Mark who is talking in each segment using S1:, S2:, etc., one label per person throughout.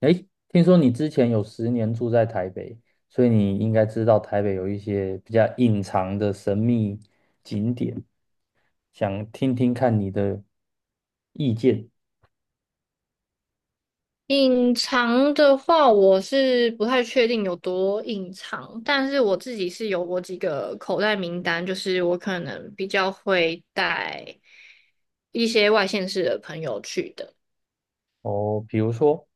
S1: 哎，听说你之前有10年住在台北，所以你应该知道台北有一些比较隐藏的神秘景点，想听听看你的意见
S2: 隐藏的话，我是不太确定有多隐藏，但是我自己是有我几个口袋名单，就是我可能比较会带一些外县市的朋友去的。
S1: 哦。比如说，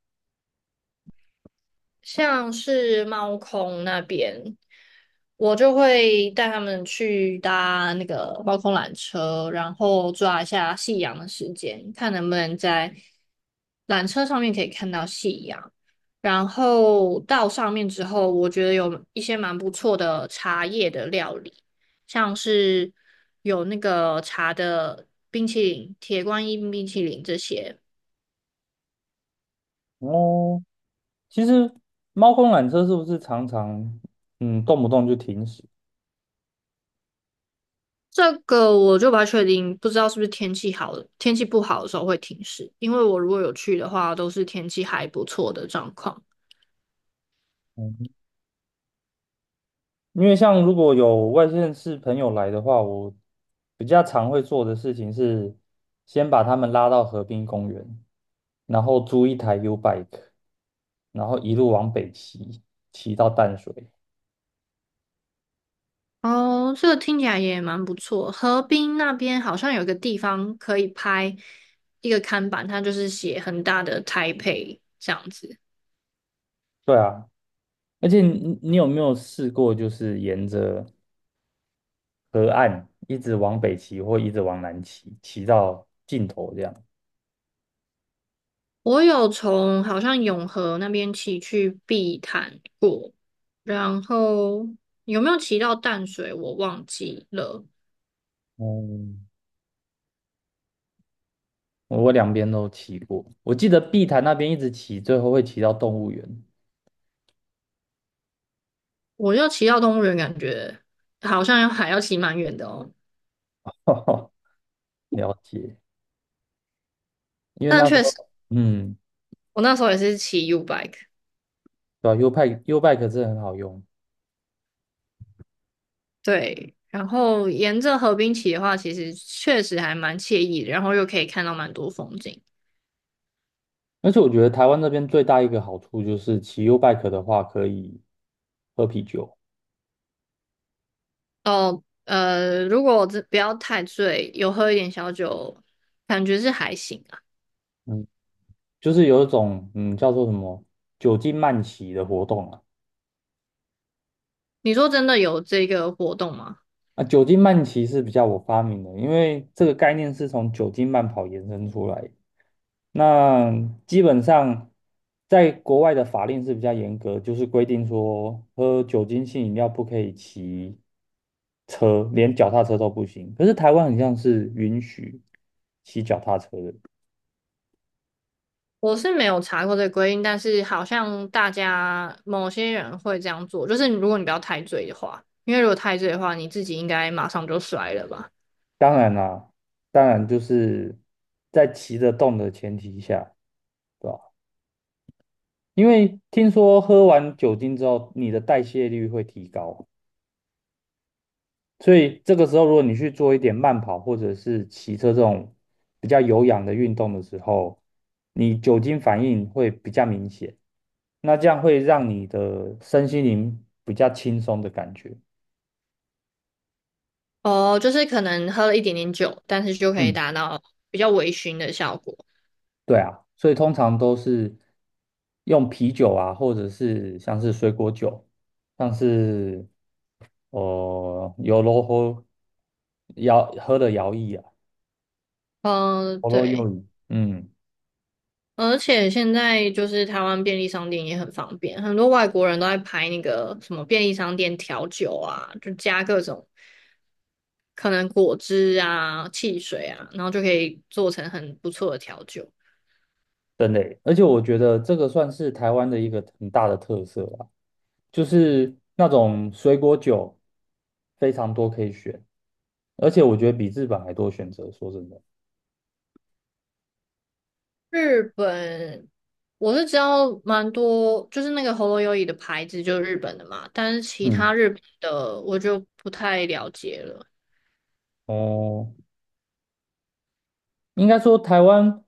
S2: 像是猫空那边，我就会带他们去搭那个猫空缆车，然后抓一下夕阳的时间，看能不能在缆车上面可以看到夕阳。然后到上面之后，我觉得有一些蛮不错的茶叶的料理，像是有那个茶的冰淇淋、铁观音冰淇淋这些。
S1: 哦，其实猫空缆车是不是常常动不动就停驶？
S2: 这个我就不太确定，不知道是不是天气好的，天气不好的时候会停驶。因为我如果有去的话，都是天气还不错的状况。
S1: 嗯，因为像如果有外县市朋友来的话，我比较常会做的事情是先把他们拉到河滨公园。然后租一台 U bike，然后一路往北骑，骑到淡水。
S2: 哦，这个听起来也蛮不错。河滨那边好像有一个地方可以拍一个看板，它就是写很大的台北这样子。
S1: 对啊，而且你有没有试过，就是沿着河岸一直往北骑，或一直往南骑，骑到尽头这样？
S2: 我有从好像永和那边骑去碧潭过，然后有没有骑到淡水我忘记了。
S1: 哦，我两边都骑过。我记得碧潭那边一直骑，最后会骑到动物园。
S2: 我要骑到动物园，感觉好像要还要骑蛮远的哦。
S1: 了解，因为
S2: 但
S1: 那时
S2: 确
S1: 候，
S2: 实，
S1: 嗯，
S2: 我那时候也是骑 U bike，
S1: 对啊，U bike 是很好用。
S2: 对。然后沿着河滨骑的话，其实确实还蛮惬意的，然后又可以看到蛮多风景。
S1: 而且我觉得台湾这边最大一个好处就是骑 U bike 的话可以喝啤酒，
S2: 哦，如果这不要太醉，有喝一点小酒，感觉是还行啊。
S1: 嗯，就是有一种叫做什么酒精慢骑的活动啊。
S2: 你说真的有这个活动吗？
S1: 啊，酒精慢骑是比较我发明的，因为这个概念是从酒精慢跑延伸出来的，那基本上在国外的法令是比较严格，就是规定说喝酒精性饮料不可以骑车，连脚踏车都不行。可是台湾很像是允许骑脚踏车的。
S2: 我是没有查过这个规定，但是好像大家某些人会这样做，就是如果你不要太醉的话，因为如果太醉的话，你自己应该马上就摔了吧？
S1: 当然啦，当然就是在骑得动的前提下，对吧？因为听说喝完酒精之后，你的代谢率会提高，所以这个时候如果你去做一点慢跑或者是骑车这种比较有氧的运动的时候，你酒精反应会比较明显，那这样会让你的身心灵比较轻松的感觉。
S2: 哦，就是可能喝了一点点酒，但是就可以
S1: 嗯。
S2: 达到比较微醺的效果。
S1: 对啊，所以通常都是用啤酒啊，或者是像是水果酒，像是哦，有罗喝摇喝的摇曳啊，
S2: 嗯，
S1: 喉咙
S2: 对，
S1: 用语，
S2: 而且现在就是台湾便利商店也很方便，很多外国人都在拍那个什么便利商店调酒啊，就加各种可能果汁啊、汽水啊，然后就可以做成很不错的调酒。
S1: 真的耶，而且我觉得这个算是台湾的一个很大的特色啊，就是那种水果酒非常多可以选，而且我觉得比日本还多选择，说真的，
S2: 日本，我是知道蛮多，就是那个喉咙优椅的牌子就是日本的嘛，但是其他
S1: 嗯，
S2: 日本的我就不太了解了。
S1: 哦，应该说台湾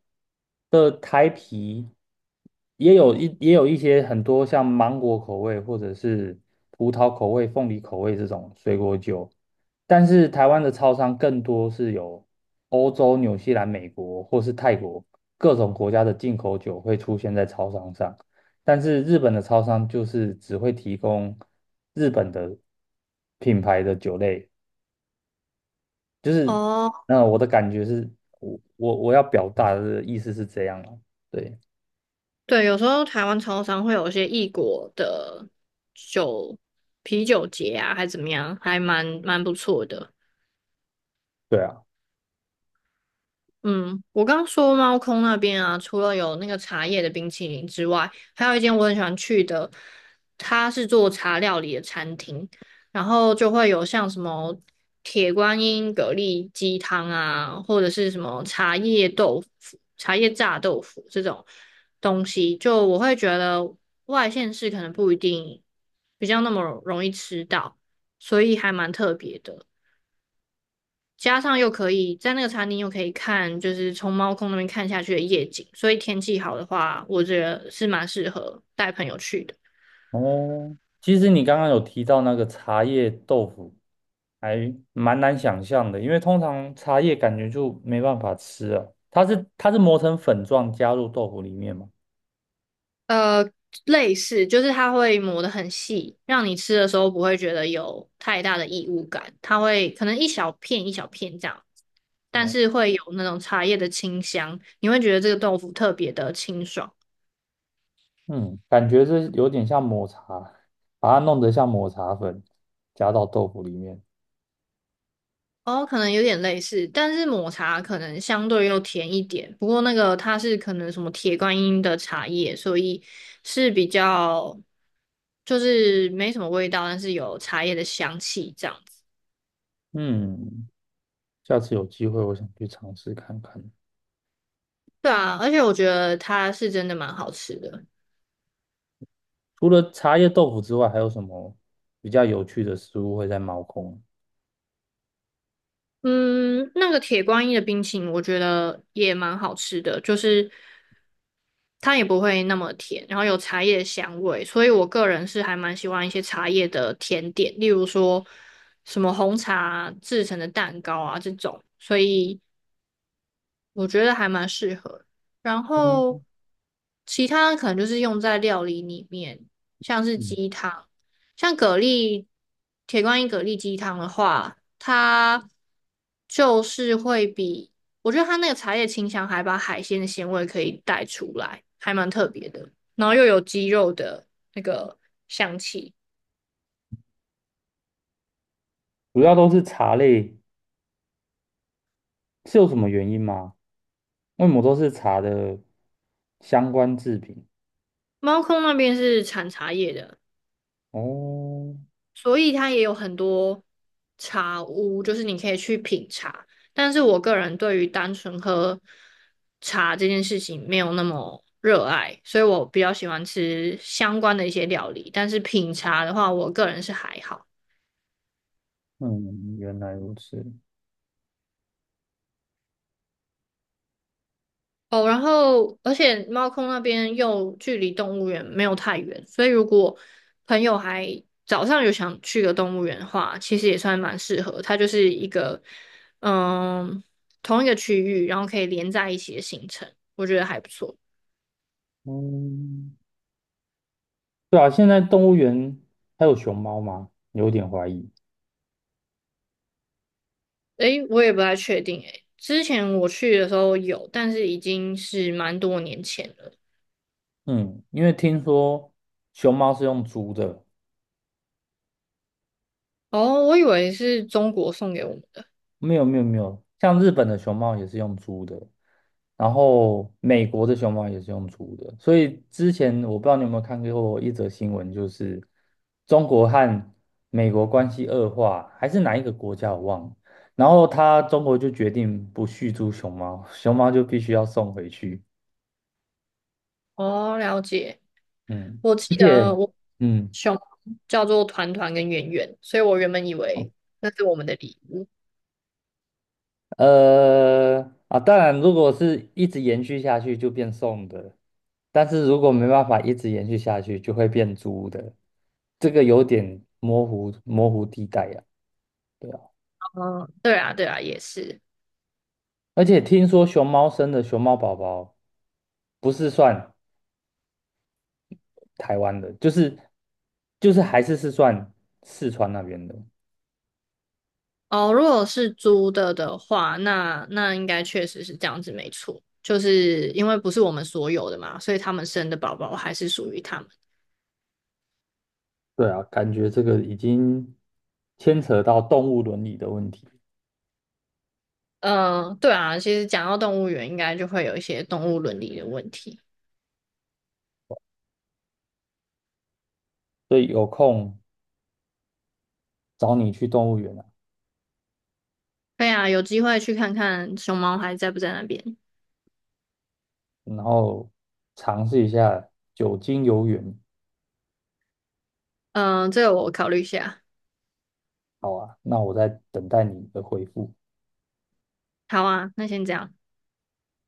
S1: 的台啤也有一些很多像芒果口味或者是葡萄口味、凤梨口味这种水果酒，但是台湾的超商更多是有欧洲、纽西兰、美国或是泰国各种国家的进口酒会出现在超商上，但是日本的超商就是只会提供日本的品牌的酒类。就是
S2: 哦，
S1: 那我的感觉是，我要表达的意思是这样啊，对
S2: 对，有时候台湾超商会有一些异国的酒啤酒节啊，还怎么样，还蛮不错的。
S1: 对啊，
S2: 嗯，我刚刚说猫空那边啊，除了有那个茶叶的冰淇淋之外，还有一间我很喜欢去的，它是做茶料理的餐厅，然后就会有像什么铁观音蛤蜊鸡汤啊，或者是什么茶叶豆腐、茶叶炸豆腐这种东西，就我会觉得外县市可能不一定比较那么容易吃到，所以还蛮特别的。加上又可以在那个餐厅又可以看，就是从猫空那边看下去的夜景，所以天气好的话，我觉得是蛮适合带朋友去的。
S1: 哦，其实你刚刚有提到那个茶叶豆腐，还蛮难想象的，因为通常茶叶感觉就没办法吃啊，它是磨成粉状加入豆腐里面嘛，
S2: 呃，类似就是它会磨得很细，让你吃的时候不会觉得有太大的异物感，它会可能一小片一小片这样，但
S1: 哦，
S2: 是会有那种茶叶的清香，你会觉得这个豆腐特别的清爽。
S1: 嗯，感觉是有点像抹茶，把它弄得像抹茶粉加到豆腐里面，
S2: 哦，可能有点类似，但是抹茶可能相对又甜一点。不过那个它是可能什么铁观音的茶叶，所以是比较就是没什么味道，但是有茶叶的香气这样子。
S1: 嗯，下次有机会我想去尝试看看。
S2: 对啊，而且我觉得它是真的蛮好吃的。
S1: 除了茶叶豆腐之外，还有什么比较有趣的食物会在猫空？
S2: 嗯，那个铁观音的冰淇淋我觉得也蛮好吃的，就是它也不会那么甜，然后有茶叶的香味，所以我个人是还蛮喜欢一些茶叶的甜点，例如说什么红茶制成的蛋糕啊这种，所以我觉得还蛮适合。然后
S1: 嗯，
S2: 其他可能就是用在料理里面，像是
S1: 嗯，
S2: 鸡汤，像蛤蜊铁观音蛤蜊鸡汤的话，它就是会比我觉得它那个茶叶清香还把海鲜的鲜味可以带出来，还蛮特别的。然后又有鸡肉的那个香气。
S1: 主要都是茶类，是有什么原因吗？为什么都是茶的相关制品？
S2: 猫空那边是产茶叶的，
S1: 哦，
S2: 所以它也有很多茶屋，就是你可以去品茶。但是我个人对于单纯喝茶这件事情没有那么热爱，所以我比较喜欢吃相关的一些料理。但是品茶的话，我个人是还好。
S1: 嗯，原来如此。
S2: 哦，然后而且猫空那边又距离动物园没有太远，所以如果朋友还早上有想去个动物园的话，其实也算蛮适合。它就是一个嗯同一个区域，然后可以连在一起的行程，我觉得还不错。
S1: 嗯，对啊，现在动物园还有熊猫吗？有点怀疑。
S2: 诶，我也不太确定诶，之前我去的时候有，但是已经是蛮多年前了。
S1: 嗯，因为听说熊猫是用租的，
S2: 哦，我以为是中国送给我们的。
S1: 没有没有没有，像日本的熊猫也是用租的，然后美国的熊猫也是用租的，所以之前我不知道你有没有看过一则新闻，就是中国和美国关系恶化，还是哪一个国家我忘了，然后他中国就决定不续租熊猫，熊猫就必须要送回去，
S2: 哦，了解。
S1: 嗯，
S2: 我
S1: 而
S2: 记
S1: 且
S2: 得我
S1: 嗯。
S2: 熊叫做团团跟圆圆，所以我原本以为那是我们的礼物。
S1: 呃，当然，如果是一直延续下去就变送的，但是如果没办法一直延续下去，就会变租的，这个有点模糊地带呀，对啊，
S2: 嗯，对啊，对啊，也是。
S1: 而且听说熊猫生的熊猫宝宝不是算台湾的，就是还是算四川那边的。
S2: 哦，如果是租的的话，那应该确实是这样子，没错。就是因为不是我们所有的嘛，所以他们生的宝宝还是属于他们。
S1: 对啊，感觉这个已经牵扯到动物伦理的问题，
S2: 嗯，对啊，其实讲到动物园，应该就会有一些动物伦理的问题。
S1: 所以有空找你去动物园啊。
S2: 对啊，有机会去看看熊猫还在不在那边。
S1: 然后尝试一下酒精游泳。
S2: 嗯，这个我考虑一下。
S1: 好啊，那我在等待你的回复。
S2: 好啊，那先这样。